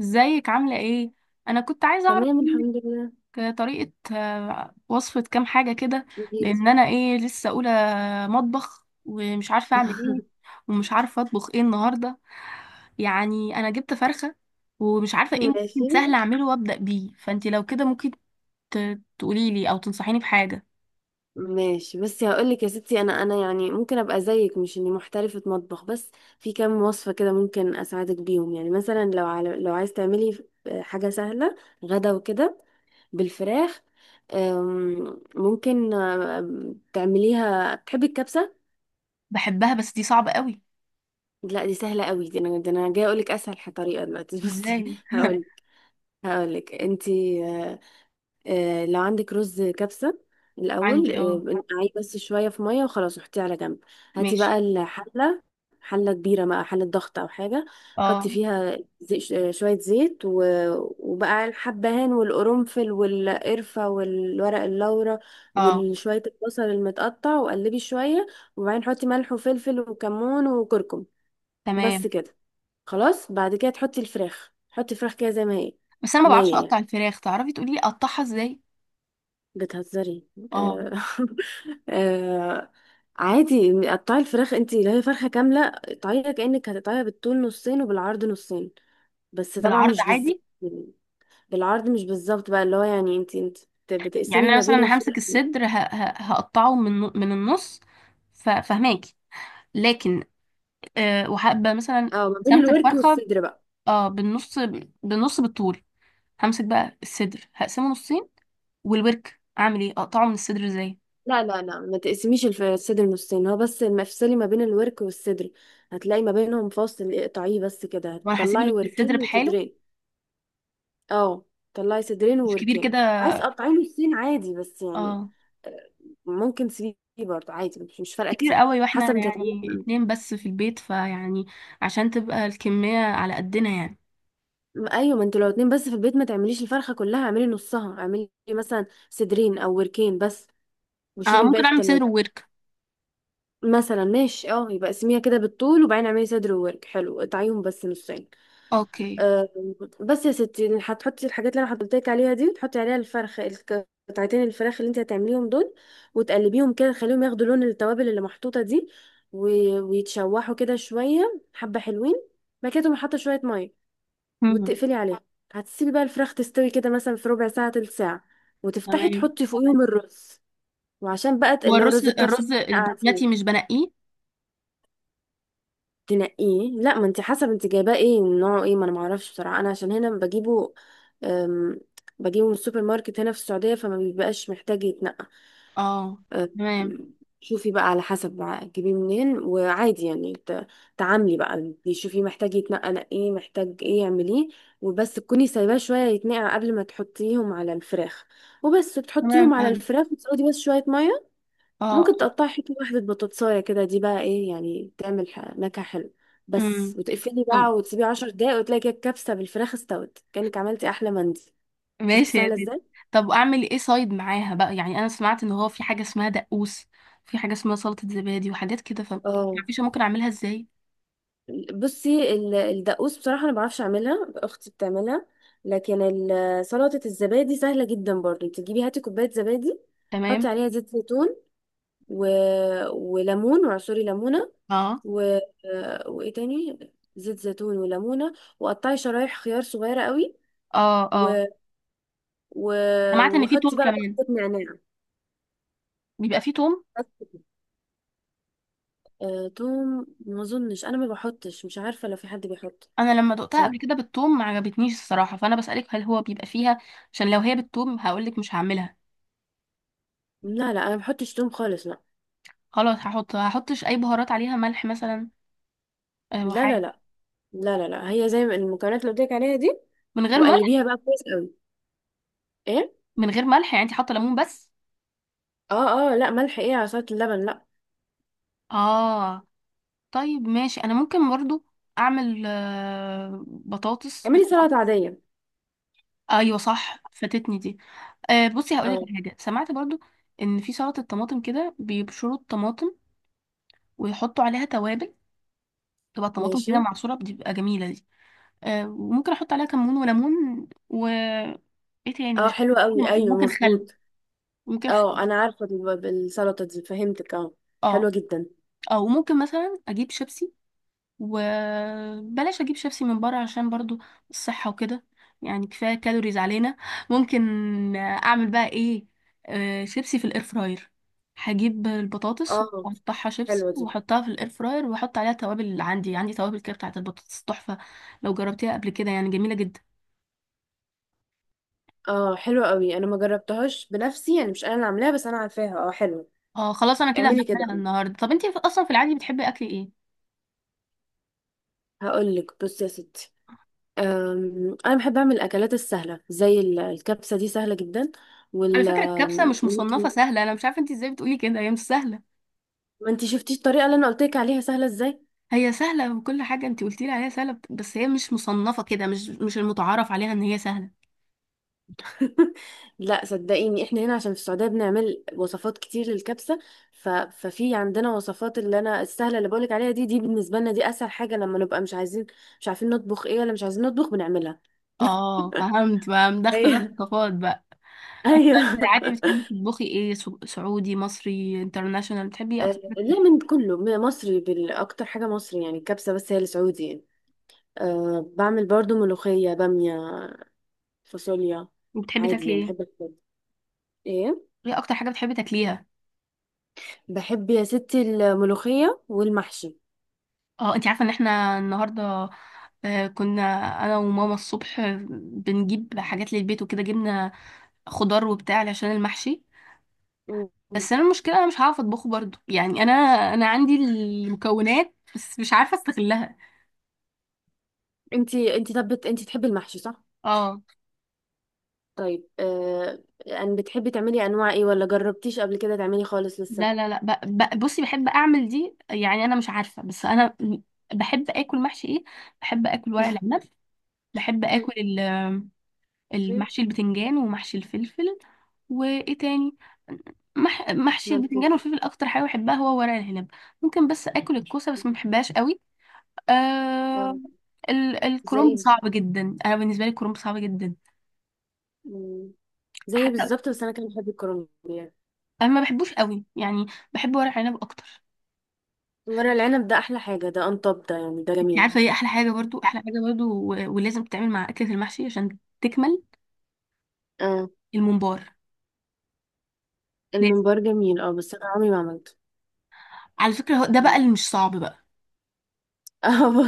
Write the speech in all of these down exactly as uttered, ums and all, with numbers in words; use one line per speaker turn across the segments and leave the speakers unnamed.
ازيك عاملة ايه؟ انا كنت عايزة اعرف
تمام،
منك
الحمد لله.
طريقة، آه، وصفة كام حاجة كده.
قوليلي.
لان انا ايه لسه اولى آه، مطبخ، ومش عارفة اعمل ايه، ومش عارفة اطبخ ايه النهاردة. يعني انا جبت فرخة، ومش عارفة ايه ممكن
ماشي،
سهل اعمله وابدأ بيه. فانتي لو كده ممكن ت- تقوليلي او تنصحيني بحاجة.
ماشي. بس هقولك يا ستي، انا انا يعني ممكن ابقى زيك، مش اني محترفة مطبخ. بس في كام وصفة كده ممكن اساعدك بيهم، يعني مثلا لو على لو عايز تعملي حاجة سهلة غدا وكده، بالفراخ. أم، ممكن أم، تعمليها، بتحبي الكبسة؟
بحبها، بس دي صعبة قوي.
لا، دي سهلة قوي، دي انا دي انا جايه اقولك اسهل طريقة دلوقتي بس
ازاي؟
هقول هقولك انتي، آه، آه، لو عندك رز كبسة، الأول
عندي.
آه،
اه.
نقعيه بس شوية في مية وخلاص، وحطيه على جنب. هاتي
ماشي.
بقى الحلة، حلة كبيرة بقى، حلة ضغط أو حاجة. حطي
اه.
فيها زي ش- آه، شوية زيت و... وبقى الحبهان والقرنفل والقرفة والورق اللورا،
اه.
وشوية البصل المتقطع وقلبي شوية. وبعدين حطي ملح وفلفل وكمون وكركم،
تمام.
بس كده. خلاص بعد كده تحطي الفراخ، حطي الفراخ كده زي ما هي،
بس انا ما بعرفش
نية
اقطع
يعني.
الفراخ. تعرفي تقوليلي اقطعها ازاي؟
بتهزري؟
اه،
آه آه. عادي، قطعي الفراخ انت، اللي هي فرخة كاملة، قطعيها كأنك هتقطعيها بالطول نصين وبالعرض نصين، بس طبعا
بالعرض
مش بالظبط.
عادي.
بالعرض مش بالظبط بقى، اللي هو يعني انت انت بت-
يعني
بتقسمي
انا
ما
مثلا
بين
همسك
الفرق.
الصدر، ه- ه- هقطعه من من النص. ف- فهماكي. لكن آه، وهبقى مثلا
اه، ما بين
قسمت
الورك
الفرخه،
والصدر بقى.
اه، بالنص. بالنص بالطول. همسك بقى الصدر، هقسمه نصين. والورك اعمل ايه، اقطعه من الصدر ازاي؟
لا، لا، لا، ما تقسميش الف- الصدر نصين، هو بس ما افصلي ما بين الورك والصدر، هتلاقي ما بينهم فاصل، اقطعيه بس كده
وانا هسيب
هتطلعي
الورك الصدر
وركين
بحاله؟
وصدرين. اه، طلعي صدرين
مش كبير
ووركين.
كده؟
عايز تقطعي له السين عادي بس يعني،
اه.
آه، ممكن سي برضه، عادي مش مش فارقه
كبير
كتير.
قوي
حسب
واحنا
انت
يعني
هتعملي.
اتنين بس في البيت، فيعني عشان تبقى الكميه على قدنا يعني.
م- ايوه، ما انتوا لو اتنين بس في البيت ما تعمليش الفرخه كلها، اعملي نصها، اعملي مثلا صدرين او وركين بس،
آه،
وشيلي الباقي
ممكن
في
اعمل صدر
التلاجة.
وورك.
مثلا، ماشي. اه، يبقى اقسميها كده بالطول وبعدين اعملي صدر وورك، حلو، اقطعيهم بس نصين.
اوكي.
آه، بس يا ستي هتحطي الحاجات اللي انا حطيتلك عليها دي، وتحطي عليها الفرخ، الك- قطعتين الفراخ اللي انت هتعمليهم دول، وتقلبيهم كده تخليهم ياخدوا لون التوابل اللي محطوطه دي، و- ويتشوحوا كده شويه حبه حلوين. بعد كده تقومي حاطه شويه ميه
مم.
وتقفلي عليها، هتسيبي بقى الفراخ تستوي كده مثلا في ربع ساعه تلت ساعه، وتفتحي
تمام.
تحطي فوقيهم الرز. وعشان بقى
هو
اللي هو
الرز
رز الكبسه،
الرز
اللي
البسمتي مش بنقيه؟
تنقيه، لا، ما انت حسب انت جايباه ايه نوعه ايه، ما انا ما اعرفش بصراحه، انا عشان هنا بجيبه، أم، بجيبه من السوبر ماركت هنا في السعوديه، فما بيبقاش محتاج يتنقى.
اه.
أم،
تمام.
شوفي بقى على حسب بقى تجيبيه منين، وعادي يعني ت- تعاملي بقى، شوفي محتاج يتنقى نقيه، محتاج ايه اعمليه. وبس تكوني سايباه شويه يتنقع قبل ما تحطيهم على الفراخ، وبس
تمام.
بتحطيهم على
فاهم.
الفراخ وتزودي بس شويه ميه.
اه.
ممكن تقطعي حتة واحدة بطاطساية كده، دي بقى ايه يعني، تعمل ح- نكهة حلوة بس،
امم
وتقفلي
طب،
بقى وتسيبيه عشر دقايق، وتلاقي كده الكبسة بالفراخ استوت كأنك عملتي أحلى مندي. شفتي
ماشي يا
سهلة
سيدي.
ازاي؟
طب اعمل ايه سايد معاها بقى؟ يعني انا سمعت ان هو في حاجه اسمها دقوس، في حاجه اسمها سلطه زبادي وحاجات كده، ف
اه.
مفيش ممكن اعملها ازاي؟
بصي، ال- الدقوس بصراحة أنا معرفش أعملها، أختي بتعملها، لكن ال- سلطة الزبادي سهلة جدا برضه. انت تجيبي هاتي كوباية زبادي،
تمام.
حطي عليها زيت زيتون و... وليمون، وعصري ليمونة
اه.
و... وإيه تاني، زيت زيتون وليمونة، وقطعي شرايح خيار صغيرة قوي
اه. اه.
و... و...
سمعت ان في توم
وحطي بقى،
كمان.
بحط نعناع،
بيبقى فيه توم؟
بس كده. آه، توم ما اظنش، انا ما بحطش، مش عارفه لو في حد بيحط،
انا لما دقتها قبل
صراحه.
كده بالتوم ما عجبتنيش الصراحه، فانا بسالك هل هو بيبقى فيها، عشان لو هي بالتوم هقولك مش هعملها.
لا، لا، انا ما بحطش توم خالص، لا،
خلاص، هحط هحطش اي بهارات عليها، ملح مثلا آه،
لا، لا،
وحاجه.
لا، لا، لا، لا، هي زي ما المكونات اللي قلت لك عليها دي،
من غير ملح.
وقلبيها بقى كويس قوي. ايه؟
من غير ملح يعني انت حاطه ليمون بس؟
اه، اه، لا ملح ايه على سلطه اللبن، لا.
اه. طيب، ماشي. انا ممكن برضو اعمل آه، بطاطس
اعملي
بت...
سلطه عاديه.
ايوه، صح، فاتتني دي. آه بصي هقولك
اه،
على حاجه سمعت برضو، ان في سلطه الطماطم كده بيبشروا الطماطم ويحطوا عليها توابل، تبقى الطماطم
ماشي.
كده معصوره، بتبقى جميله دي. آه وممكن احط عليها كمون وليمون و ايه تاني
اه،
مش.
حلوه قوي، ايوه
ممكن خل.
مظبوط.
ممكن خل.
اه، انا عارفه الب- السلطه دي، فهمتك، اه، حلوه
اه.
جدا.
اه. وممكن مثلا اجيب شيبسي، وبلاش اجيب شيبسي من بره عشان برضو الصحة وكده، يعني كفاية كالوريز علينا. ممكن اعمل بقى ايه؟ آه، شيبسي في الاير فراير. هجيب البطاطس
اه،
واقطعها شيبسي
حلوه دي.
واحطها في الاير فراير، واحط عليها توابل اللي عندي. عندي توابل كده بتاعت البطاطس تحفة. لو جربتيها قبل كده يعني جميلة جدا.
اه، حلوة قوي، انا ما جربتهاش بنفسي، يعني مش انا اللي عاملاها، بس انا عارفاها، اه، حلوة.
اه. خلاص، انا كده
اعملي كده.
هعملها النهارده. طب انتي اصلا في العادي بتحبي اكل ايه؟
هقول لك، بصي يا ستي، أم، انا بحب اعمل الاكلات السهله زي ال- الكبسه دي، سهله جدا.
على
وال
فكرة الكبسة
أم،
مش مصنفة
ممكن
سهلة، انا مش عارفة انتي ازاي بتقولي كده، هي مش سهلة.
ما انتي شفتيش الطريقه اللي انا قلت لك عليها سهله ازاي
هي سهلة، وكل حاجة انت قلتي لي عليها سهلة، بس هي مش مصنفة كده. مش مش المتعارف عليها ان هي سهلة.
لا صدقيني، احنا هنا عشان في السعوديه بنعمل وصفات كتير للكبسه، ف... ففي عندنا وصفات، اللي انا السهله اللي بقولك عليها دي، دي بالنسبه لنا دي اسهل حاجه لما نبقى مش عايزين، مش عارفين نطبخ ايه ولا مش عايزين نطبخ بنعملها.
اه، فهمت بقى، ده اختلاف ثقافات بقى. انت بقى
ايوه
في العادي بتحبي تطبخي ايه؟ سو- سعودي، مصري، انترناشونال؟ بتحبي ايه
آه،
اكتر حاجة-
لا، من كله م- مصري، بال- اكتر حاجه مصري، يعني الكبسه بس هي السعودي يعني. أه، بعمل برضو ملوخيه، باميه، فاصوليا.
وبتحبي
عادي
تاكلي
يعني
ايه؟
بحب الكل. ايه؟
ايه اكتر حاجة بتحبي تاكليها؟
بحب يا ستي الملوخيه والمحشي.
اه. انت عارفة ان احنا النهاردة آه، كنا انا وماما الصبح بنجيب حاجات للبيت وكده، جبنا خضار وبتاع عشان المحشي.
م- م.
بس انا المشكله انا مش هعرف اطبخه برضو، يعني انا انا عندي المكونات بس مش عارفه استغلها.
انتي انتي طب بت- انتي تحبي المحشي، صح؟
اه.
طيب، أه ان بتحبي تعملي انواع ايه، ولا جربتيش قبل كده تعملي خالص
لا،
لسه؟
لا، لا، ب... ب... بصي بحب اعمل دي يعني، انا مش عارفه. بس انا بحب اكل محشي ايه؟ بحب اكل ورق العنب. بحب اكل ال-
شيء
المحشي البتنجان ومحشي الفلفل. وايه تاني؟ مح... محشي البتنجان
ملفوف.
والفلفل. اكتر حاجه بحبها هو ورق العنب. ممكن بس اكل الكوسه، بس ما بحبهاش قوي. آه...
آه،
ال...
زي
الكرنب
بز-
صعب جدا، انا بالنسبه لي الكرنب صعب جدا.
م. زي
حتى
بالظبط، بس انا كان بحب الكرنب يعني.
انا ما بحبوش قوي يعني، بحب ورق عنب اكتر.
ورق العنب ده احلى حاجه، ده انطب ده يعني، ده
انت
جميل.
عارفه ايه احلى حاجه برضو؟ احلى حاجه برضو و- ولازم تتعمل مع اكله المحشي عشان تكمل:
اه.
الممبار. لازم.
الممبار جميل اه، بس انا عمري ما عملته.
على فكره هو ده بقى
مم.
اللي مش صعب بقى.
هو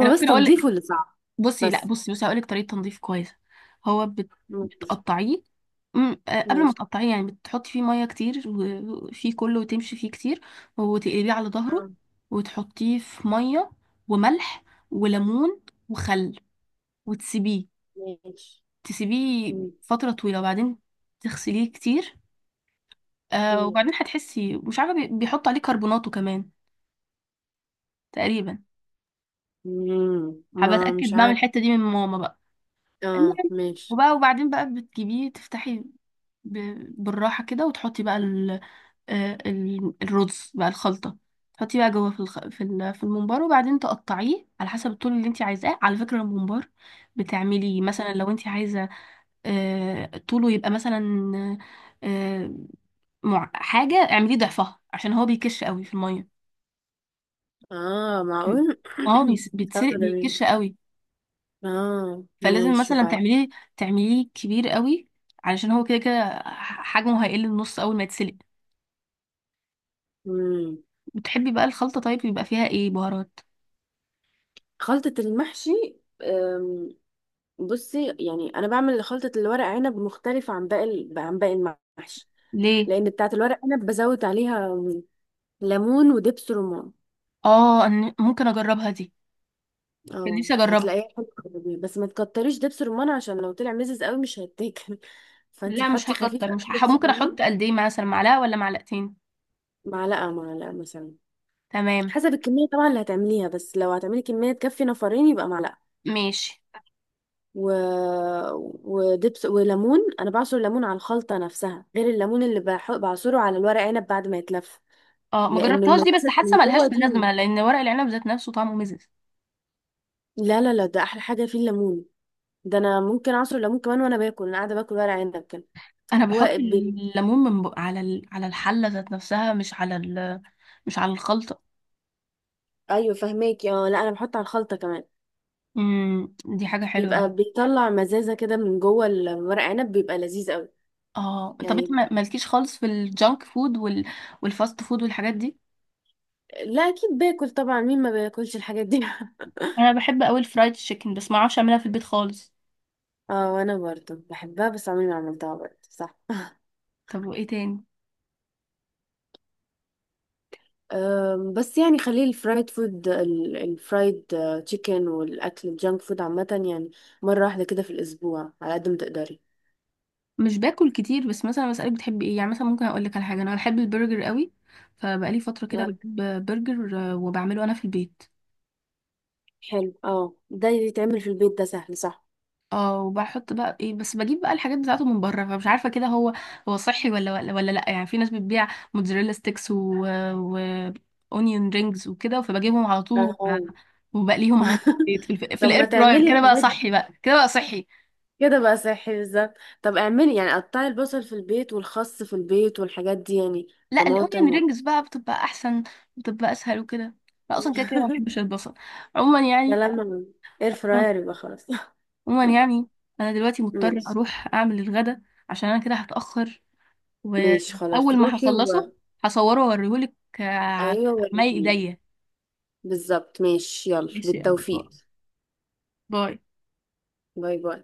انا
بس
ممكن اقول لك.
تنظيفه اللي صعب.
بصي، لا،
بس،
بصي بصي، هقول لك طريقه تنظيف كويسه. هو بت-
ماشي،
بتقطعيه. أم، آه، قبل ما
ماشي.
تقطعيه يعني بتحطي فيه ميه كتير و- وفيه كله وتمشي فيه كتير. وتقلبيه على ظهره،
اه،
وتحطيه في ميه وملح وليمون وخل، وتسيبيه.
ماشي.
تسيبيه
مم.
فترة طويلة، وبعدين تغسليه كتير. آه
مم.
وبعدين هتحسي، مش عارفة، بي- بيحط عليه كربوناته كمان تقريبا.
مم،
هبقى
ما
اتأكد،
مش
بعمل
عارف.
الحتة دي من ماما بقى.
اه،
المهم،
ماشي.
وبقى وبعدين بقى بتجيبيه، تفتحي ب- بالراحة كده، وتحطي بقى ال آه، ال- الرز بقى الخلطة. تحطيه بقى جوه في الخ... في ال... في الممبار، وبعدين تقطعيه على حسب الطول اللي انت عايزاه. على فكرة الممبار، بتعملي مثلا لو انت عايزة آه، طوله يبقى مثلا آه، مع... حاجة، اعمليه ضعفها عشان هو بيكش قوي في المية.
اه، معقول
اه، بيس-
اه،
بيتسرق،
جميل.
بيكش قوي.
اه،
فلازم
ماشي
مثلا
وبعد.
تعمليه تعمليه كبير قوي، علشان هو كده كده حجمه هيقل النص اول ما يتسلق.
مم.
بتحبي بقى الخلطة طيب يبقى فيها ايه بهارات؟
خلطة المحشي، أم، بصي يعني انا بعمل خلطة الورق عنب مختلفة عن باقي عن باقي المحشي،
ليه؟
لان بتاعه الورق عنب بزود عليها ليمون ودبس رمان.
اه، أنا ممكن اجربها دي، كان
اه،
نفسي اجربها.
هتلاقيها حلوه أوي. بس ما تكتريش دبس رمان، عشان لو طلع مزز قوي مش هيتاكل. فانت
لا، مش
حطي خفيف
هكتر،
قوي
مش هح...
دبس
ممكن
رمان،
احط قد ايه، مثلا معلقة ولا معلقتين؟
معلقه معلقه مثلا.
تمام.
حسب الكميه طبعا اللي هتعمليها، بس لو هتعملي كميه تكفي نفرين يبقى معلقه.
ماشي.
و... ودبس وليمون، انا بعصر ليمون على الخلطه نفسها، غير الليمون اللي بح... بعصره على الورق عنب بعد ما يتلف.
اه، ما
لانه
جربتهاش دي، بس
المزازه
حاسه
اللي جوه
ملهاش
دي،
لازمه لان ورق العنب ذات نفسه طعمه مزز.
لا، لا، لا، ده احلى حاجه فيه الليمون، ده انا ممكن اعصر ليمون كمان وانا باكل، انا قاعده باكل ورق عنب كده.
انا
هو
بحط
بي...
الليمون من بق... على ال... على الحله ذات نفسها، مش على ال... مش على الخلطه.
ايوه فهماك، اه، لا انا بحط على الخلطه كمان.
امم، دي حاجه حلوه
بيبقى
دي.
بيطلع مزازه كده من جوه الورق عنب، بيبقى لذيذ قوي.
اه. طب انت
يعني
ما- مالكيش خالص في الجانك فود وال... والفاست فود والحاجات دي؟
لا، اكيد باكل طبعا، مين ما بياكلش الحاجات دي
انا بحب قوي الفرايد تشيكن، بس ما اعرفش اعملها في البيت خالص.
اه، وانا برضه بحبها بس عمري ما عملتها، برضه صح.
طب وايه تاني؟
أم، بس يعني خليه الفرايد فود، ال- الفرايد آه، تشيكن، والاكل الجانك فود عامه، يعني مره واحده كده في الاسبوع على قد ما تقدري.
مش باكل كتير، بس مثلا بسالك بتحبي ايه، يعني مثلا ممكن اقول لك على حاجه، انا بحب البرجر قوي. فبقالي فتره كده
آه،
بجيب برجر، آه، وبعمله انا في البيت.
حلو. اه، ده يتعمل في البيت، ده سهل صح.
اه، وبحط بقى ايه؟ بس بجيب بقى الحاجات بتاعته من بره، فمش عارفه كده هو هو صحي ولا ولا ولا لا. يعني في ناس بتبيع موتزاريلا ستيكس و و اونيون رينجز وكده، فبجيبهم على طول وب-
اه
وبقليهم عندي في البيت، في, الف... في
طب ما
الاير فراير.
تعملي
كده بقى
الحاجات دي
صحي. بقى كده بقى صحي.
كده بقى صحي بالظبط. طب اعملي يعني قطعي البصل في البيت والخس في البيت والحاجات دي، يعني
لا، الاونيون
طماطم و...
رينجز بقى بتبقى احسن، بتبقى اسهل وكده. لا اصلا كده كده ما بحبش البصل عموما
يا
يعني.
لما اير فراير يبقى خلاص
عموما يعني، انا دلوقتي مضطره
ماشي،
اروح اعمل الغدا عشان انا كده هتاخر،
ماشي، خلاص
واول ما
روحي و،
هخلصه هصوره واوريهولك آه، على
ايوه
مي
وريني
ايديا.
بالظبط، ماشي، يلا
ماشي، يلا، باي.
بالتوفيق.
باي.
باي، باي.